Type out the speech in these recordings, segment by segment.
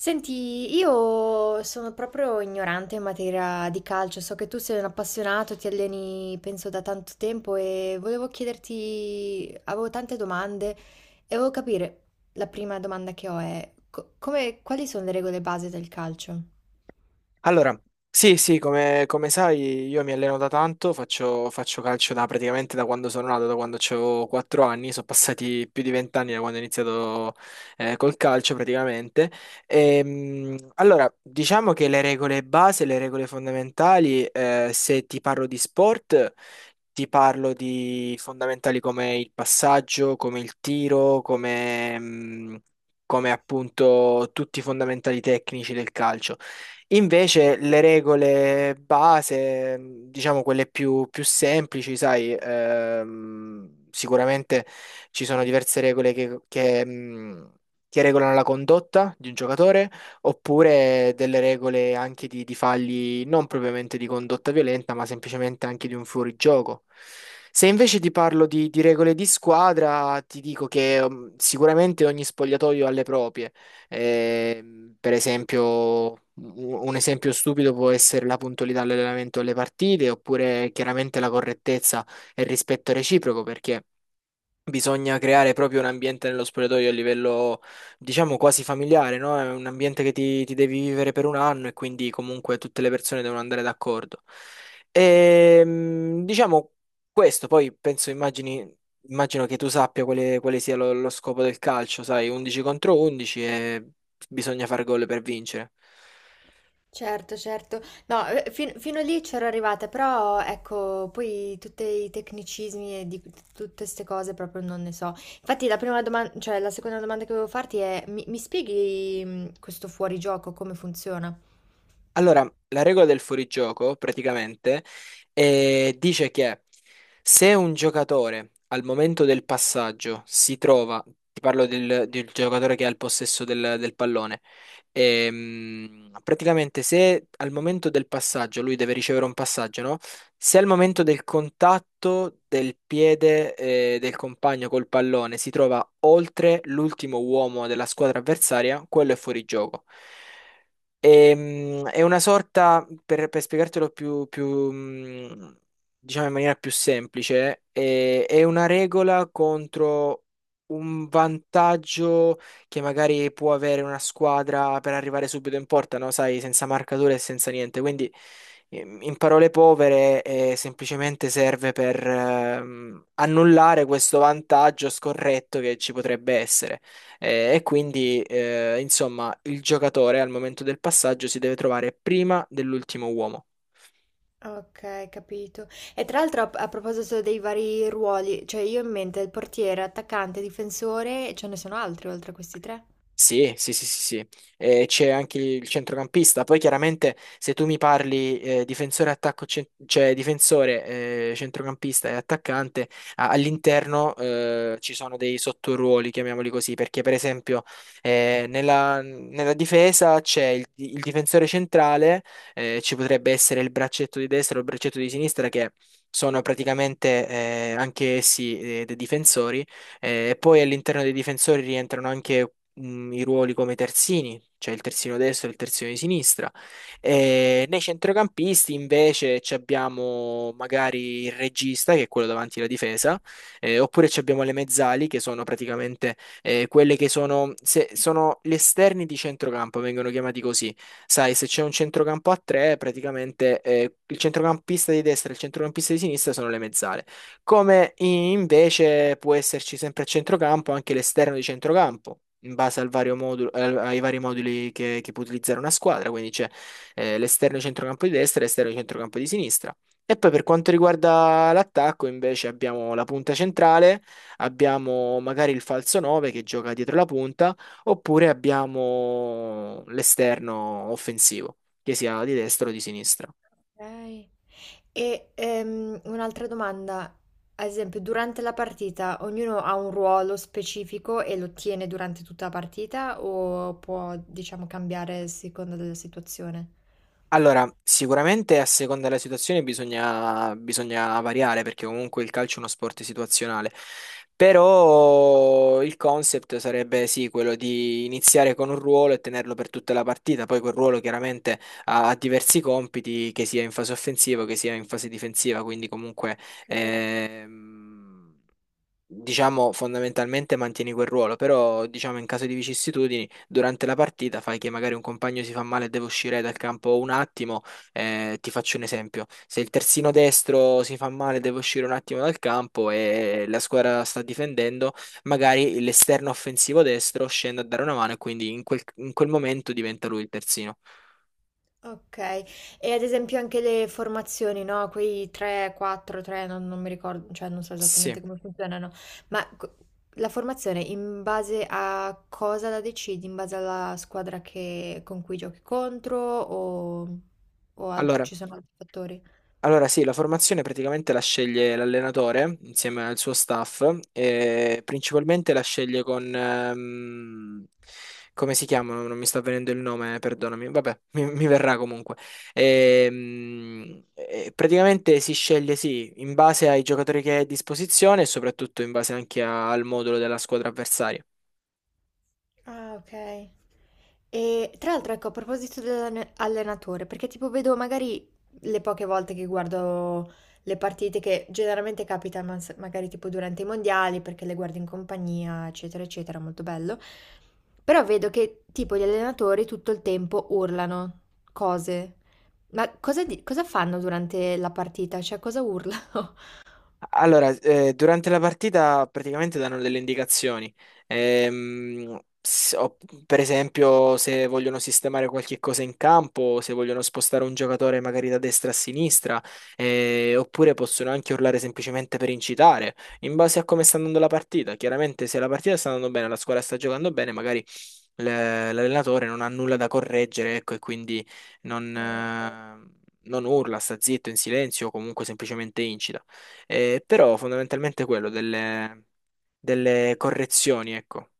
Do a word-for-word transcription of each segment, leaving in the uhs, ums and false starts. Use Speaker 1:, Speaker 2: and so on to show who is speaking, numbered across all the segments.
Speaker 1: Senti, io sono proprio ignorante in materia di calcio, so che tu sei un appassionato, ti alleni penso da tanto tempo e volevo chiederti, avevo tante domande e volevo capire, la prima domanda che ho è, co- come- quali sono le regole base del calcio?
Speaker 2: Allora, sì, sì, come, come sai, io mi alleno da tanto, faccio, faccio calcio da, praticamente da quando sono nato, da quando avevo quattro anni, sono passati più di venti anni da quando ho iniziato eh, col calcio praticamente. Ehm, allora, diciamo che le regole base, le regole fondamentali, eh, se ti parlo di sport, ti parlo di fondamentali come il passaggio, come il tiro, come... mm, come appunto tutti i fondamentali tecnici del calcio. Invece le regole base, mh, diciamo quelle più, più semplici, sai, ehm, sicuramente ci sono diverse regole che, che, mh, che regolano la condotta di un giocatore, oppure delle regole anche di, di fagli non propriamente di condotta violenta, ma semplicemente anche di un fuorigioco. Se invece ti parlo di, di regole di squadra, ti dico che, mh, sicuramente ogni spogliatoio ha le proprie. Eh, per esempio, u- un esempio stupido può essere la puntualità all'allenamento alle partite, oppure chiaramente la correttezza e il rispetto reciproco, perché bisogna creare proprio un ambiente nello spogliatoio a livello, diciamo, quasi familiare, no? È un ambiente che ti, ti devi vivere per un anno e quindi comunque tutte le persone devono andare d'accordo. Ehm, diciamo questo, poi penso, immagini, immagino che tu sappia quale, quale sia lo, lo scopo del calcio, sai, undici contro undici e bisogna fare gol per vincere.
Speaker 1: Certo, certo. No, eh, fin- fino lì c'ero arrivata, però ecco, poi tutti i tecnicismi e di tutte queste cose proprio non ne so. Infatti la prima domanda, cioè la seconda domanda che volevo farti è, mi, mi spieghi mh, questo fuorigioco, come funziona?
Speaker 2: Allora, la regola del fuorigioco praticamente eh, dice che se un giocatore al momento del passaggio si trova, ti parlo del, del giocatore che ha il possesso del, del pallone, ehm, praticamente se al momento del passaggio lui deve ricevere un passaggio, no? Se al momento del contatto del piede eh, del compagno col pallone si trova oltre l'ultimo uomo della squadra avversaria, quello è fuorigioco. Ehm, è una sorta, per, per spiegartelo più, più, mh, diciamo in maniera più semplice, è, è una regola contro un vantaggio che magari può avere una squadra per arrivare subito in porta, no? Sai, senza marcature e senza niente. Quindi, ehm, in parole povere, eh, semplicemente serve per ehm, annullare questo vantaggio scorretto che ci potrebbe essere. Eh, e quindi, eh, insomma, il giocatore al momento del passaggio si deve trovare prima dell'ultimo uomo.
Speaker 1: Ok, capito. E tra l'altro a, a proposito dei vari ruoli, cioè io ho in mente il portiere, attaccante, difensore, ce ne sono altri oltre a questi tre?
Speaker 2: Sì, sì, sì, sì, sì. E c'è anche il centrocampista. Poi chiaramente se tu mi parli eh, difensore, attacco, cen- cioè difensore, eh, centrocampista e attaccante, a- all'interno eh, ci sono dei sottoruoli, chiamiamoli così, perché per esempio eh, nella, nella difesa c'è il, il difensore centrale, eh, ci potrebbe essere il braccetto di destra o il braccetto di sinistra che sono praticamente eh, anche essi eh, dei difensori. Eh, e poi all'interno dei difensori rientrano anche mh, i ruoli come terzini, cioè il terzino destro e il terzino di sinistra. E nei centrocampisti invece ci abbiamo magari il regista, che è quello davanti alla difesa, eh, oppure ci abbiamo le mezzali, che sono praticamente eh, quelle che sono, se- sono gli esterni di centrocampo, vengono chiamati così. Sai, se c'è un centrocampo a tre, praticamente eh, il centrocampista di destra e il centrocampista di sinistra sono le mezzali come invece può esserci sempre a centrocampo anche l'esterno di centrocampo. In base al vario modulo- al- ai vari moduli che, che può utilizzare una squadra, quindi c'è eh, l'esterno di centrocampo di destra e l'esterno di centrocampo di sinistra. E poi per quanto riguarda l'attacco, invece abbiamo la punta centrale, abbiamo magari il falso nove che gioca dietro la punta, oppure abbiamo l'esterno offensivo, che sia di destra o di sinistra.
Speaker 1: Ok. E ehm, un'altra domanda, ad esempio, durante la partita ognuno ha un ruolo specifico e lo tiene durante tutta la partita o può, diciamo, cambiare a seconda della situazione?
Speaker 2: Allora, sicuramente a seconda della situazione bisogna, bisogna variare perché comunque il calcio è uno sport situazionale, però il concept sarebbe sì, quello di iniziare con un ruolo e tenerlo per tutta la partita, poi quel ruolo chiaramente ha, ha diversi compiti, che sia in fase offensiva, che sia in fase difensiva, quindi comunque... ehm, diciamo, fondamentalmente mantieni quel ruolo, però, diciamo, in caso di vicissitudini, durante la partita fai che magari un compagno si fa male e deve uscire dal campo un attimo. Eh, ti faccio un esempio: se il terzino destro si fa male e deve uscire un attimo dal campo e la squadra sta difendendo, magari l'esterno offensivo destro scende a dare una mano e quindi in quel, in quel momento diventa lui il terzino.
Speaker 1: Okay. E ad esempio anche le formazioni, no, quei tre, quattro, tre non non mi ricordo, cioè non so
Speaker 2: Sì.
Speaker 1: esattamente come funzionano, ma co la formazione in base a cosa la decidi? In base alla squadra che con cui giochi contro o o alt
Speaker 2: Allora.
Speaker 1: ci sono altri fattori?
Speaker 2: Allora sì, la formazione praticamente la sceglie l'allenatore insieme al suo staff e principalmente la sceglie con... ehm, come si chiamano? Non mi sta venendo il nome, perdonami. Vabbè, mi, mi verrà comunque. Ehm, e praticamente si sceglie sì, in base ai giocatori che hai a disposizione e soprattutto in base anche a- al modulo della squadra avversaria.
Speaker 1: Ah, okay. E tra l'altro, ecco, a proposito dell'allenatore, perché tipo vedo magari le poche volte che guardo le partite che generalmente capitano mas- magari tipo durante i mondiali, perché le guardo in compagnia, eccetera, eccetera, molto bello. Però vedo che tipo gli allenatori tutto il tempo urlano cose. Ma cosa, di- cosa fanno durante la partita? Cioè, cosa urlano?
Speaker 2: Allora, eh, durante la partita praticamente danno delle indicazioni. Ehm, s- o- per esempio, se vogliono sistemare qualche cosa in campo, se vogliono spostare un giocatore magari da destra a sinistra, eh, oppure possono anche urlare semplicemente per incitare, in base a come sta andando la partita. Chiaramente, se la partita sta andando bene, la squadra sta giocando bene, magari l- l'allenatore non ha nulla da correggere, ecco, e quindi non,
Speaker 1: Ah, ok.
Speaker 2: eh, non urla, sta zitto in silenzio o comunque semplicemente incita. Eh, però fondamentalmente quello delle, delle correzioni, ecco.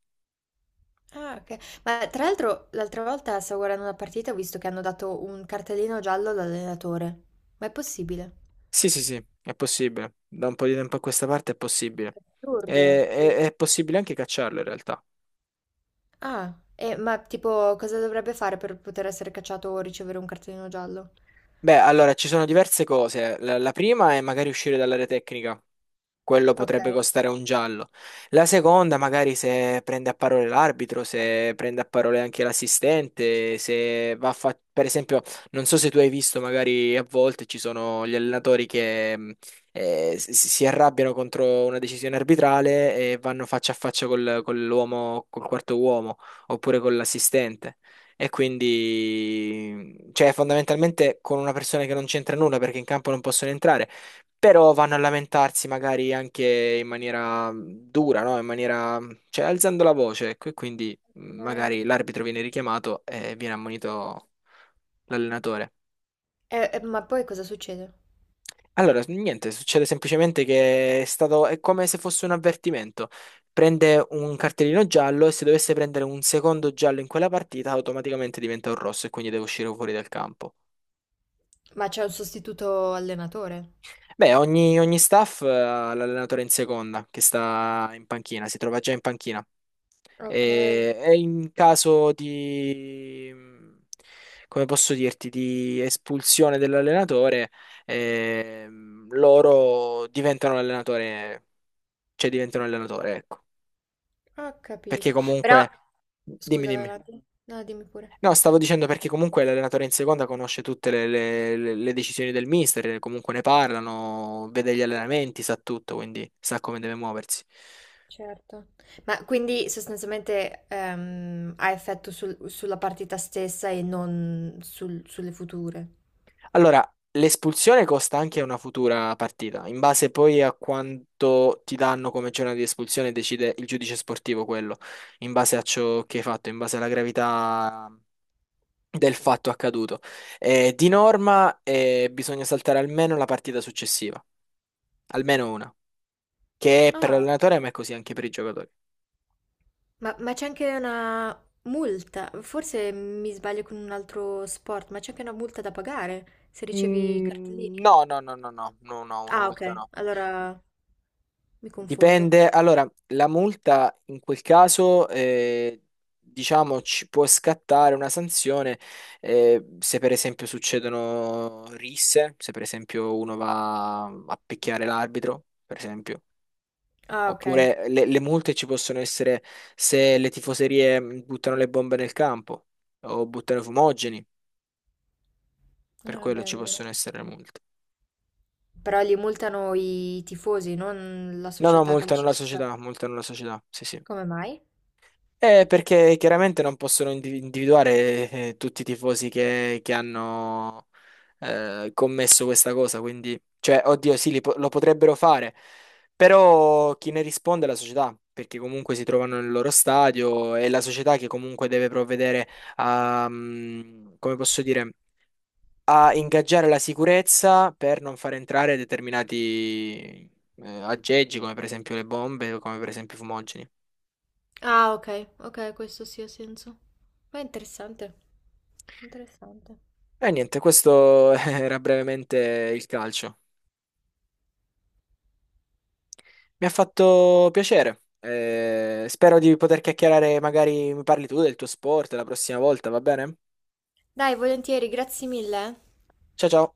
Speaker 1: Ah, ok. Ma tra l'altro, l'altra volta stavo guardando una partita e ho visto che hanno dato un cartellino giallo all'allenatore. Ma è possibile?
Speaker 2: Sì, sì, sì, è possibile. Da un po' di tempo a questa parte è possibile.
Speaker 1: Assurdo.
Speaker 2: E-
Speaker 1: E-
Speaker 2: e- è possibile anche cacciarlo in realtà.
Speaker 1: Ah, e, ma tipo cosa dovrebbe fare per poter essere cacciato o ricevere un cartellino giallo?
Speaker 2: Beh, allora ci sono diverse cose. La, la prima è magari uscire dall'area tecnica. Quello
Speaker 1: Ok.
Speaker 2: potrebbe costare un giallo. La seconda, magari se prende a parole l'arbitro, se prende a parole anche l'assistente, se va a fa- per esempio, non so se tu hai visto, magari a volte ci sono gli allenatori che mh, eh, si si arrabbiano contro una decisione arbitrale e vanno faccia a faccia col, con l'uomo, col quarto uomo, oppure con l'assistente. E quindi, cioè, fondamentalmente con una persona che non c'entra nulla perché in campo non possono entrare. Però vanno a lamentarsi magari anche in maniera dura, no? In maniera, cioè alzando la voce, ecco, e quindi mh,
Speaker 1: Ok.
Speaker 2: magari l'arbitro viene richiamato e viene ammonito l'allenatore.
Speaker 1: E- e- ma poi cosa succede?
Speaker 2: Allora, niente, succede semplicemente che è stato, è come se fosse un avvertimento. Prende un cartellino giallo e se dovesse prendere un secondo giallo in quella partita, automaticamente diventa un rosso e quindi deve uscire fuori dal campo.
Speaker 1: Ma c'è un sostituto allenatore?
Speaker 2: Beh, ogni, ogni staff ha l'allenatore in seconda, che sta in panchina, si trova già in panchina.
Speaker 1: Ok,
Speaker 2: E, e in caso di, come posso dirti, di espulsione dell'allenatore, ehm, loro diventano l'allenatore, cioè diventano l'allenatore, ecco.
Speaker 1: ho
Speaker 2: Perché
Speaker 1: capito. Però,
Speaker 2: comunque, dimmi,
Speaker 1: scusa, vai
Speaker 2: dimmi.
Speaker 1: avanti. No, dimmi pure.
Speaker 2: No, stavo dicendo perché comunque l'allenatore in seconda conosce tutte le, le- le- le decisioni del mister, comunque ne parlano, vede gli
Speaker 1: Eh,
Speaker 2: allenamenti, sa tutto, quindi sa come deve muoversi.
Speaker 1: Certo. Ma quindi sostanzialmente ehm, ha effetto sul- sulla partita stessa e non sul- sulle future?
Speaker 2: Allora, l'espulsione costa anche una futura partita, in base poi a quanto ti danno come giornata di espulsione decide il giudice sportivo quello, in base a ciò che hai fatto, in base alla gravità del fatto accaduto. Eh, di norma eh, bisogna saltare almeno la partita successiva, almeno una, che è per
Speaker 1: Ah.
Speaker 2: l'allenatore ma è così anche per i giocatori.
Speaker 1: Ma, ma c'è anche una multa, forse mi sbaglio con un altro sport, ma c'è anche una multa da pagare se ricevi i
Speaker 2: Mm,
Speaker 1: cartellini.
Speaker 2: no, no, no, no, no, no, no, una
Speaker 1: Ah, ok,
Speaker 2: multa no.
Speaker 1: allora mi confondo.
Speaker 2: Dipende, allora, la multa in quel caso, eh, diciamo, ci può scattare una sanzione eh, se per esempio succedono risse, se per esempio uno va a picchiare l'arbitro, per esempio.
Speaker 1: Ah, ok.
Speaker 2: Oppure
Speaker 1: Sì.
Speaker 2: le, le multe ci possono essere se le tifoserie mh, buttano le bombe nel campo o buttano i fumogeni, per
Speaker 1: Ah,
Speaker 2: quello
Speaker 1: beh, è
Speaker 2: ci
Speaker 1: vero.
Speaker 2: possono essere le multe.
Speaker 1: Però li multano i tifosi, non la
Speaker 2: No, no,
Speaker 1: società
Speaker 2: multano la
Speaker 1: calcistica.
Speaker 2: società, multano la società, sì, sì.
Speaker 1: Come mai?
Speaker 2: Eh, perché chiaramente non possono indivi- individuare eh, tutti i tifosi che, che hanno eh, commesso questa cosa, quindi, cioè, oddio, sì, li po- lo potrebbero fare, però chi ne risponde è la società, perché comunque si trovano nel loro stadio, è la società che comunque deve provvedere a, mm, come posso dire, a ingaggiare la sicurezza per non far entrare determinati eh, aggeggi, come per esempio le bombe o come per esempio i fumogeni.
Speaker 1: Ah, ok, ok, questo sì ha senso. Ma è interessante, interessante.
Speaker 2: E niente, questo era brevemente il calcio. Mi ha fatto piacere. Eh, spero di poter chiacchierare, magari mi parli tu del tuo sport la prossima volta, va bene?
Speaker 1: Dai, volentieri, grazie mille. Eh.
Speaker 2: Ciao ciao.